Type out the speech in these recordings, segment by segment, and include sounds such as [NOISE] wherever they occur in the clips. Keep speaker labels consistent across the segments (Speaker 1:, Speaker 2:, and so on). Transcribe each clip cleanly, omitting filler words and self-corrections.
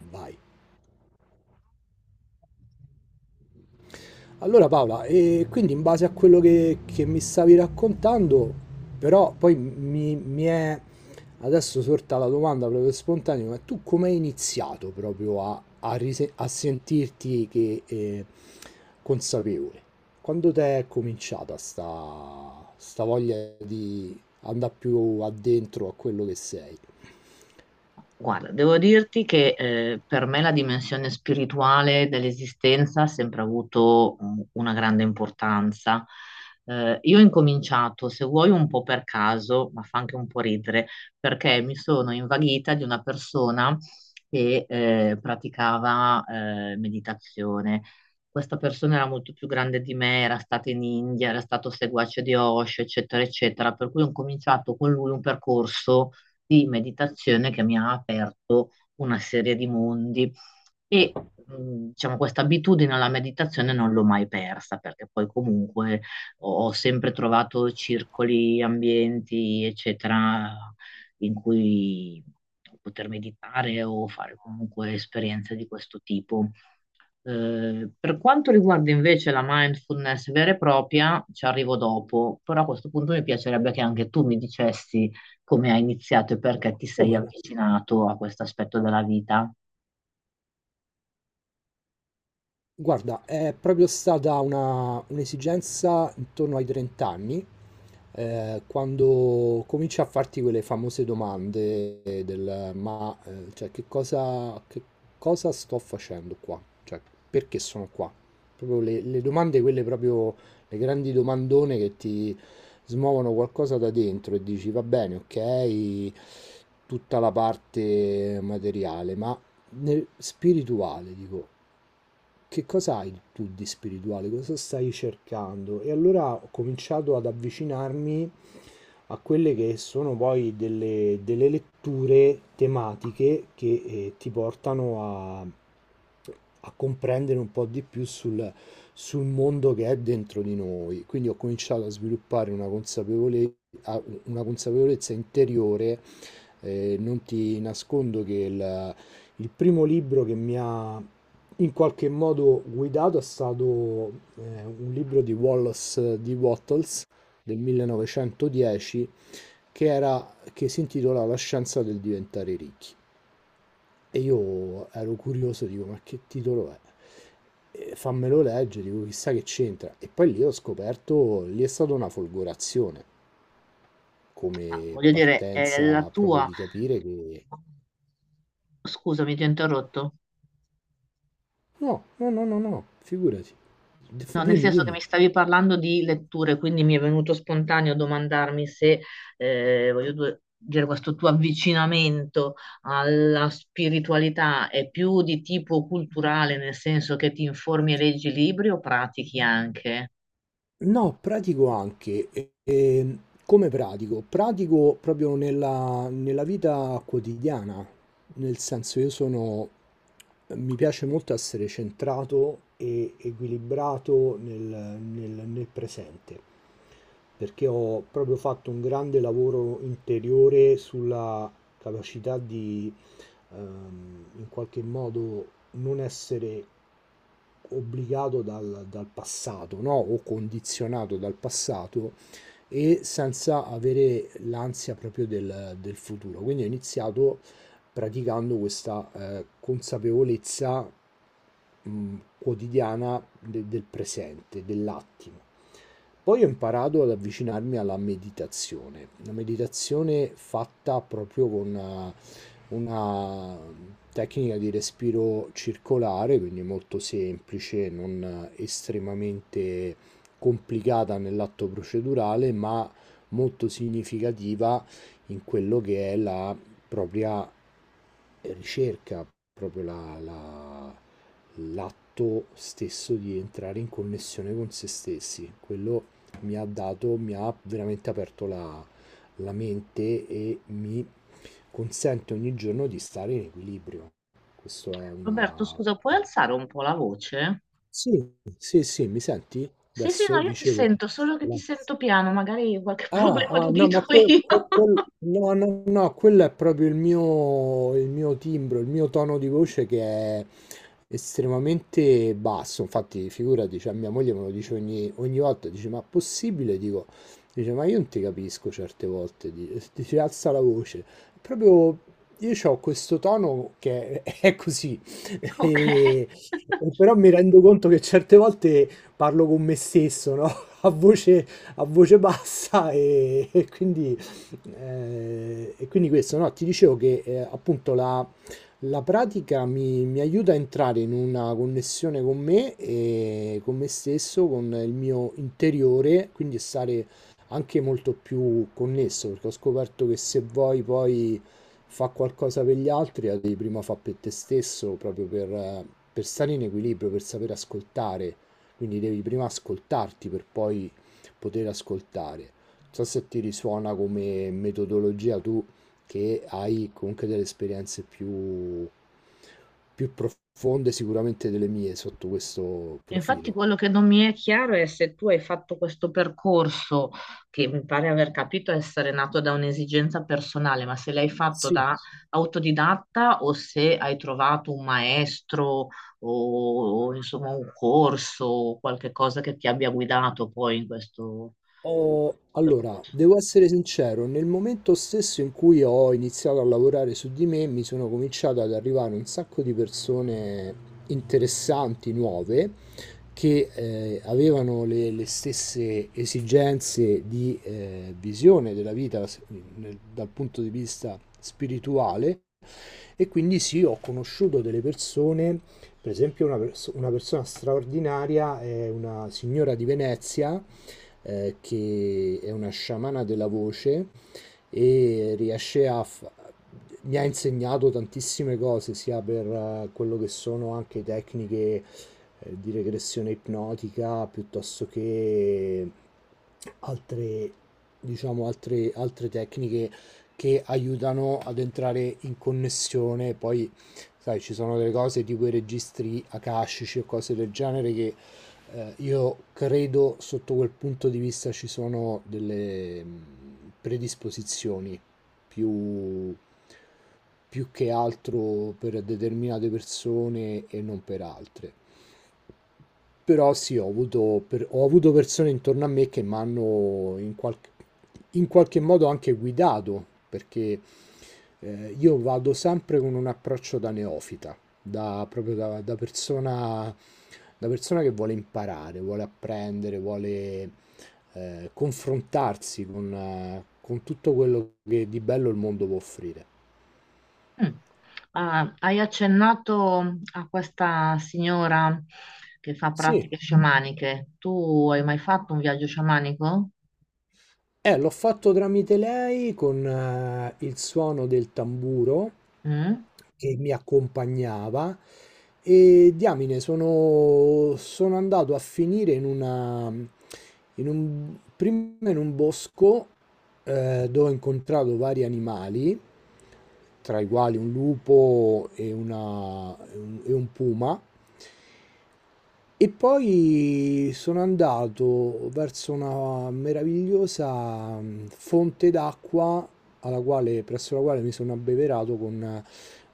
Speaker 1: Vai. Allora Paola, e quindi in base a quello che mi stavi raccontando, però poi mi è adesso sorta la domanda proprio spontanea, ma tu come hai iniziato proprio a sentirti consapevole? Quando ti è cominciata sta voglia di andare più addentro a quello che sei?
Speaker 2: Guarda, devo dirti che per me la dimensione spirituale dell'esistenza ha sempre avuto una grande importanza. Io ho incominciato, se vuoi, un po' per caso, ma fa anche un po' ridere, perché mi sono invaghita di una persona che praticava meditazione. Questa persona era molto più grande di me, era stata in India, era stato seguace di Osho, eccetera, eccetera, per cui ho cominciato con lui un percorso di meditazione che mi ha aperto una serie di mondi e diciamo, questa abitudine alla meditazione non l'ho mai persa, perché poi comunque ho sempre trovato circoli, ambienti, eccetera, in cui poter meditare o fare comunque esperienze di questo tipo. Per quanto riguarda invece la mindfulness vera e propria, ci arrivo dopo, però a questo punto mi piacerebbe che anche tu mi dicessi come hai iniziato e perché ti sei
Speaker 1: Come?
Speaker 2: avvicinato a questo aspetto della vita.
Speaker 1: Guarda, è proprio stata un'esigenza intorno ai 30 anni, quando cominci a farti quelle famose domande del ma cioè, che cosa sto facendo qua? Cioè, perché sono qua? Proprio le domande, quelle proprio le grandi domandone che ti smuovono qualcosa da dentro e dici va bene, ok, tutta la parte materiale, ma nel spirituale, dico, che cosa hai tu di spirituale, cosa stai cercando? E allora ho cominciato ad avvicinarmi a quelle che sono poi delle letture tematiche che ti portano a comprendere un po' di più sul mondo che è dentro di noi. Quindi ho cominciato a sviluppare una consapevolezza interiore. Non ti nascondo che il primo libro che mi ha in qualche modo guidato è stato un libro di Wallace di Wattles del 1910 che era, che si intitola La scienza del diventare ricchi. E io ero curioso, dico, ma che titolo è? E fammelo leggere, dico, chissà che c'entra. E poi lì ho scoperto, lì è stata una folgorazione
Speaker 2: Ah,
Speaker 1: come
Speaker 2: voglio dire, è la
Speaker 1: partenza proprio
Speaker 2: tua...
Speaker 1: di capire che...
Speaker 2: Scusami, ti ho interrotto.
Speaker 1: No, no, no, no, no, figurati.
Speaker 2: No, nel
Speaker 1: Dimmi,
Speaker 2: senso che
Speaker 1: dimmi.
Speaker 2: mi stavi parlando di letture, quindi mi è venuto spontaneo domandarmi se, voglio dire, questo tuo avvicinamento alla spiritualità è più di tipo culturale, nel senso che ti informi e leggi libri o pratichi anche?
Speaker 1: No, pratico anche. E come pratico? Pratico proprio nella vita quotidiana, nel senso io sono, mi piace molto essere centrato e equilibrato nel presente, perché ho proprio fatto un grande lavoro interiore sulla capacità di in qualche modo non essere obbligato dal passato, no? O condizionato dal passato e senza avere l'ansia proprio del futuro. Quindi ho iniziato praticando questa consapevolezza quotidiana del presente, dell'attimo. Poi ho imparato ad avvicinarmi alla meditazione, una meditazione fatta proprio con una tecnica di respiro circolare, quindi molto semplice, non estremamente complicata nell'atto procedurale, ma molto significativa in quello che è la propria ricerca, proprio l'atto stesso di entrare in connessione con se stessi. Quello mi ha dato, mi ha veramente aperto la mente e mi consente ogni giorno di stare in equilibrio. Questo è
Speaker 2: Roberto,
Speaker 1: una...
Speaker 2: scusa, puoi alzare un po' la voce?
Speaker 1: Sì, sì, sì, mi senti?
Speaker 2: Sì, sì, no,
Speaker 1: Adesso
Speaker 2: io ti
Speaker 1: dicevo...
Speaker 2: sento, solo che ti sento piano, magari qualche [LAUGHS]
Speaker 1: Ah,
Speaker 2: problema
Speaker 1: ah, no,
Speaker 2: d'udito
Speaker 1: ma
Speaker 2: io.
Speaker 1: no, no, no, quello è proprio il mio timbro, il mio tono di voce che è estremamente basso. Infatti, figurati, cioè, mia moglie me lo dice ogni volta, dice, ma possibile? Dico, dice, ma io non ti capisco certe volte, [LAUGHS] dice, alza la voce. Proprio io ho questo tono che è, [LAUGHS] è così,
Speaker 2: [LAUGHS] Ok.
Speaker 1: e, e però mi rendo conto che certe volte parlo con me stesso, no? [LAUGHS] A voce bassa e quindi questo, no? Ti dicevo che appunto la pratica mi aiuta a entrare in una connessione con me e con me stesso, con il mio interiore, quindi stare anche molto più connesso, perché ho scoperto che se vuoi poi fa qualcosa per gli altri, la devi prima fare per te stesso, proprio per stare in equilibrio, per sapere ascoltare. Quindi devi prima ascoltarti per poi poter ascoltare. Non so se ti risuona come metodologia, tu che hai comunque delle esperienze più profonde sicuramente delle mie sotto questo
Speaker 2: Infatti
Speaker 1: profilo.
Speaker 2: quello che non mi è chiaro è se tu hai fatto questo percorso, che mi pare aver capito essere nato da un'esigenza personale, ma se l'hai fatto
Speaker 1: Sì.
Speaker 2: da autodidatta o se hai trovato un maestro o, insomma, un corso o qualche cosa che ti abbia guidato poi in questo
Speaker 1: Allora,
Speaker 2: percorso.
Speaker 1: devo essere sincero, nel momento stesso in cui ho iniziato a lavorare su di me, mi sono cominciato ad arrivare un sacco di persone interessanti, nuove, che avevano le stesse esigenze di visione della vita dal punto di vista spirituale e quindi sì, ho conosciuto delle persone, per esempio una persona straordinaria, è una signora di Venezia, che è una sciamana della voce. E riesce a... fa- mi ha insegnato tantissime cose, sia per quello che sono anche tecniche di regressione ipnotica, piuttosto che altre, diciamo, altre tecniche che aiutano ad entrare in connessione. Poi, sai, ci sono delle cose tipo i registri akashici o cose del genere che io credo sotto quel punto di vista ci sono delle predisposizioni più, più che altro per determinate persone e non per altre. Però sì, ho avuto persone intorno a me che mi hanno in qualche modo anche guidato, perché io vado sempre con un approccio da neofita, da, proprio da, da persona che vuole imparare, vuole apprendere, vuole confrontarsi con tutto quello che di bello il mondo può offrire.
Speaker 2: Mm. Ah, hai accennato a questa signora che fa
Speaker 1: Sì.
Speaker 2: pratiche sciamaniche. Tu hai mai fatto un viaggio sciamanico?
Speaker 1: L'ho fatto tramite lei con il suono del tamburo
Speaker 2: Mm?
Speaker 1: che mi accompagnava e diamine, sono andato a finire in una, in un, prima in un bosco, dove ho incontrato vari animali, tra i quali un lupo e un puma, e poi sono andato verso una meravigliosa fonte d'acqua alla quale, presso la quale mi sono abbeverato con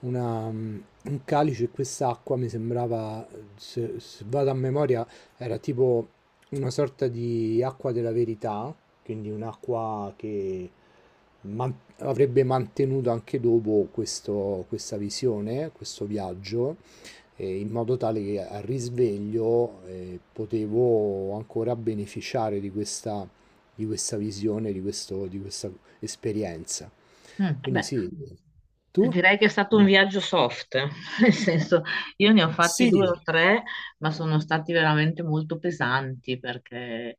Speaker 1: una, mm, un calice, e quest'acqua mi sembrava, se vado a memoria, era tipo una sorta di acqua della verità, quindi un'acqua che man- avrebbe mantenuto anche dopo questa visione, questo viaggio, in modo tale che al risveglio potevo ancora beneficiare di questa visione, di questa esperienza.
Speaker 2: Mm,
Speaker 1: Quindi
Speaker 2: beh,
Speaker 1: sì, tu?
Speaker 2: direi che è stato un viaggio soft, [LAUGHS] nel senso io ne ho fatti due o tre, ma sono stati veramente molto pesanti perché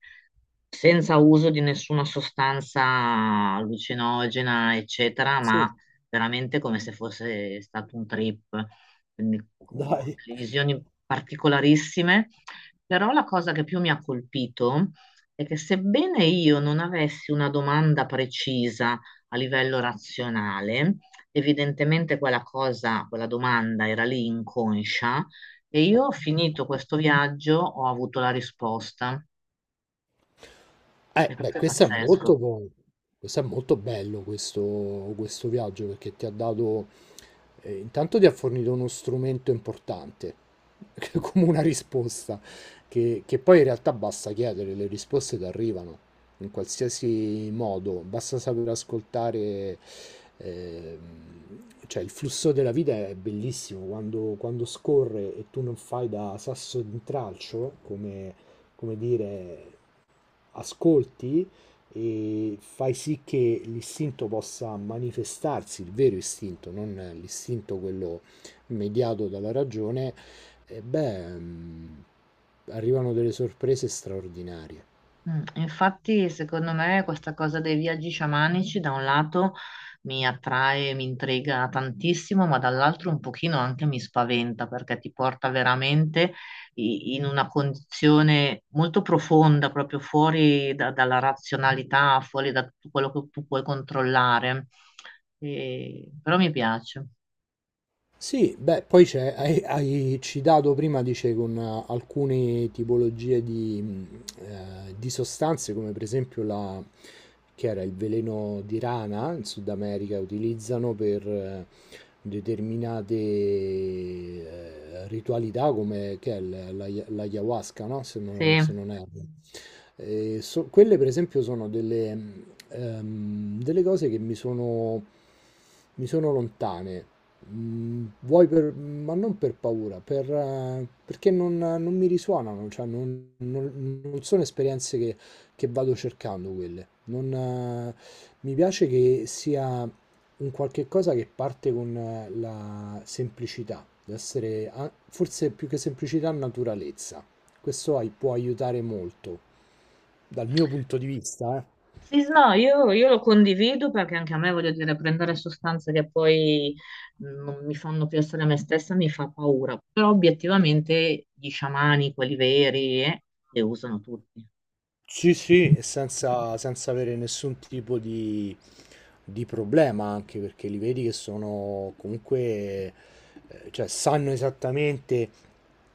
Speaker 2: senza uso di nessuna sostanza allucinogena, eccetera, ma veramente come se fosse stato un trip, quindi con delle visioni particolarissime. Però la cosa che più mi ha colpito è che sebbene io non avessi una domanda precisa a livello razionale, evidentemente quella cosa, quella domanda era lì inconscia e io ho finito questo viaggio, ho avuto la risposta. E
Speaker 1: Beh,
Speaker 2: questo è
Speaker 1: questo è molto,
Speaker 2: pazzesco.
Speaker 1: questo è molto bello, questo, viaggio, perché ti ha dato intanto ti ha fornito uno strumento importante, [LAUGHS] come una risposta, che poi in realtà basta chiedere, le risposte ti arrivano in qualsiasi modo, basta saper ascoltare. ehm, cioè il flusso della vita è bellissimo quando scorre e tu non fai da sasso d'intralcio, come dire, ascolti e fai sì che l'istinto possa manifestarsi, il vero istinto, non l'istinto quello mediato dalla ragione, e beh, arrivano delle sorprese straordinarie.
Speaker 2: Mm, infatti, secondo me, questa cosa dei viaggi sciamanici da un lato mi attrae, mi intriga tantissimo, ma dall'altro un pochino anche mi spaventa, perché ti porta veramente in una condizione molto profonda, proprio fuori dalla razionalità, fuori da tutto quello che tu puoi controllare. Però mi piace.
Speaker 1: Sì, beh, poi c'è, hai citato prima, dice, con alcune tipologie di sostanze, come per esempio che era il veleno di rana in Sud America, utilizzano per determinate ritualità, come che è l'ayahuasca, no? Se non,
Speaker 2: Sì.
Speaker 1: se non erro. Quelle, per esempio, sono delle, delle cose che mi sono lontane. Vuoi per, ma non per paura, perché non mi risuonano, cioè non sono esperienze che vado cercando quelle. Non, mi piace che sia un qualche cosa che parte con la semplicità, deve essere forse più che semplicità, naturalezza. Questo può aiutare molto, dal mio punto di vista, eh.
Speaker 2: Sì, no, io lo condivido perché anche a me, voglio dire, prendere sostanze che poi non mi fanno più essere me stessa mi fa paura. Però obiettivamente gli sciamani, quelli veri, le usano tutti.
Speaker 1: Sì, sì, e senza avere nessun tipo di problema, anche perché li vedi che sono comunque, cioè sanno esattamente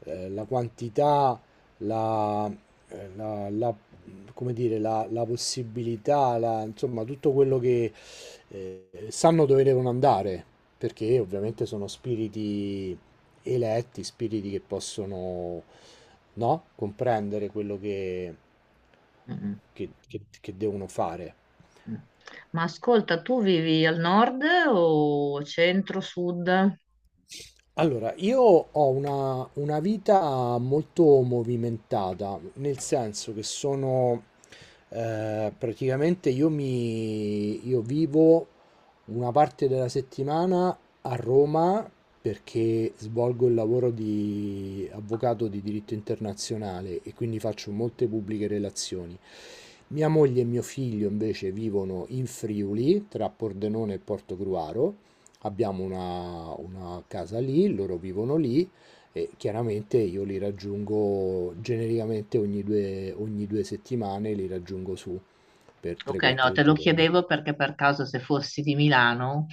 Speaker 1: la quantità, la, eh, la- la- come dire, la possibilità, insomma, tutto quello che sanno dove devono andare, perché ovviamente sono spiriti eletti, spiriti che possono, no? comprendere quello che,
Speaker 2: Mm, mm,
Speaker 1: che- che- che devono fare.
Speaker 2: mm. Ma ascolta, tu vivi al nord o centro, sud?
Speaker 1: Allora, io ho una vita molto movimentata, nel senso che sono praticamente io vivo una parte della settimana a Roma perché svolgo il lavoro di avvocato di diritto internazionale e quindi faccio molte pubbliche relazioni. Mia moglie e mio figlio invece vivono in Friuli, tra Pordenone e Portogruaro. Abbiamo una casa lì, loro vivono lì e chiaramente io li raggiungo genericamente ogni due settimane, li raggiungo su per
Speaker 2: Ok, no,
Speaker 1: 3-4
Speaker 2: te lo
Speaker 1: giorni.
Speaker 2: chiedevo perché per caso se fossi di Milano,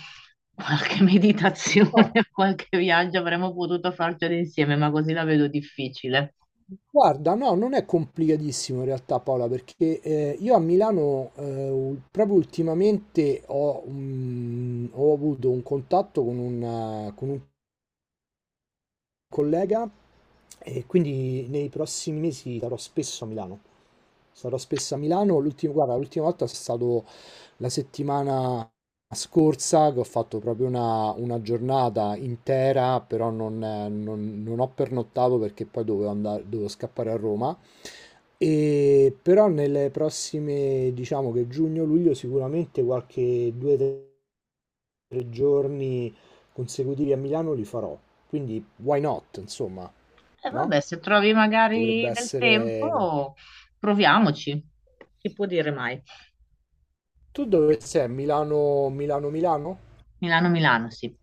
Speaker 2: qualche [LAUGHS] meditazione,
Speaker 1: Ah,
Speaker 2: qualche viaggio avremmo potuto farcelo insieme, ma così la vedo difficile.
Speaker 1: guarda, no, non è complicatissimo in realtà Paola, perché io a Milano proprio ultimamente ho avuto un contatto con un, con un collega, e quindi nei prossimi mesi sarò spesso a Milano. Sarò spesso a Milano. Guarda, l'ultima volta è stato la settimana scorsa che ho fatto proprio una giornata intera, però non ho pernottato perché poi dovevo andare, dovevo scappare a Roma. E però nelle prossime, diciamo che giugno-luglio, sicuramente qualche due o tre giorni consecutivi a Milano li farò. Quindi, why not, insomma,
Speaker 2: E
Speaker 1: no?
Speaker 2: vabbè, se trovi magari
Speaker 1: Potrebbe
Speaker 2: del
Speaker 1: essere...
Speaker 2: tempo, proviamoci. Chi può dire mai?
Speaker 1: Tu dove sei? Milano, Milano, Milano?
Speaker 2: Milano-Milano, sì.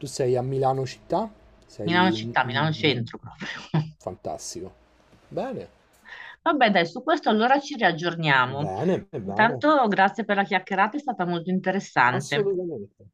Speaker 1: Tu sei a Milano città?
Speaker 2: Milano
Speaker 1: Sei...
Speaker 2: città, Milano centro proprio. [LAUGHS]
Speaker 1: Fantastico. Bene,
Speaker 2: Vabbè, dai, su questo allora ci riaggiorniamo.
Speaker 1: bene, bene.
Speaker 2: Intanto grazie per la chiacchierata, è stata molto interessante.
Speaker 1: Assolutamente.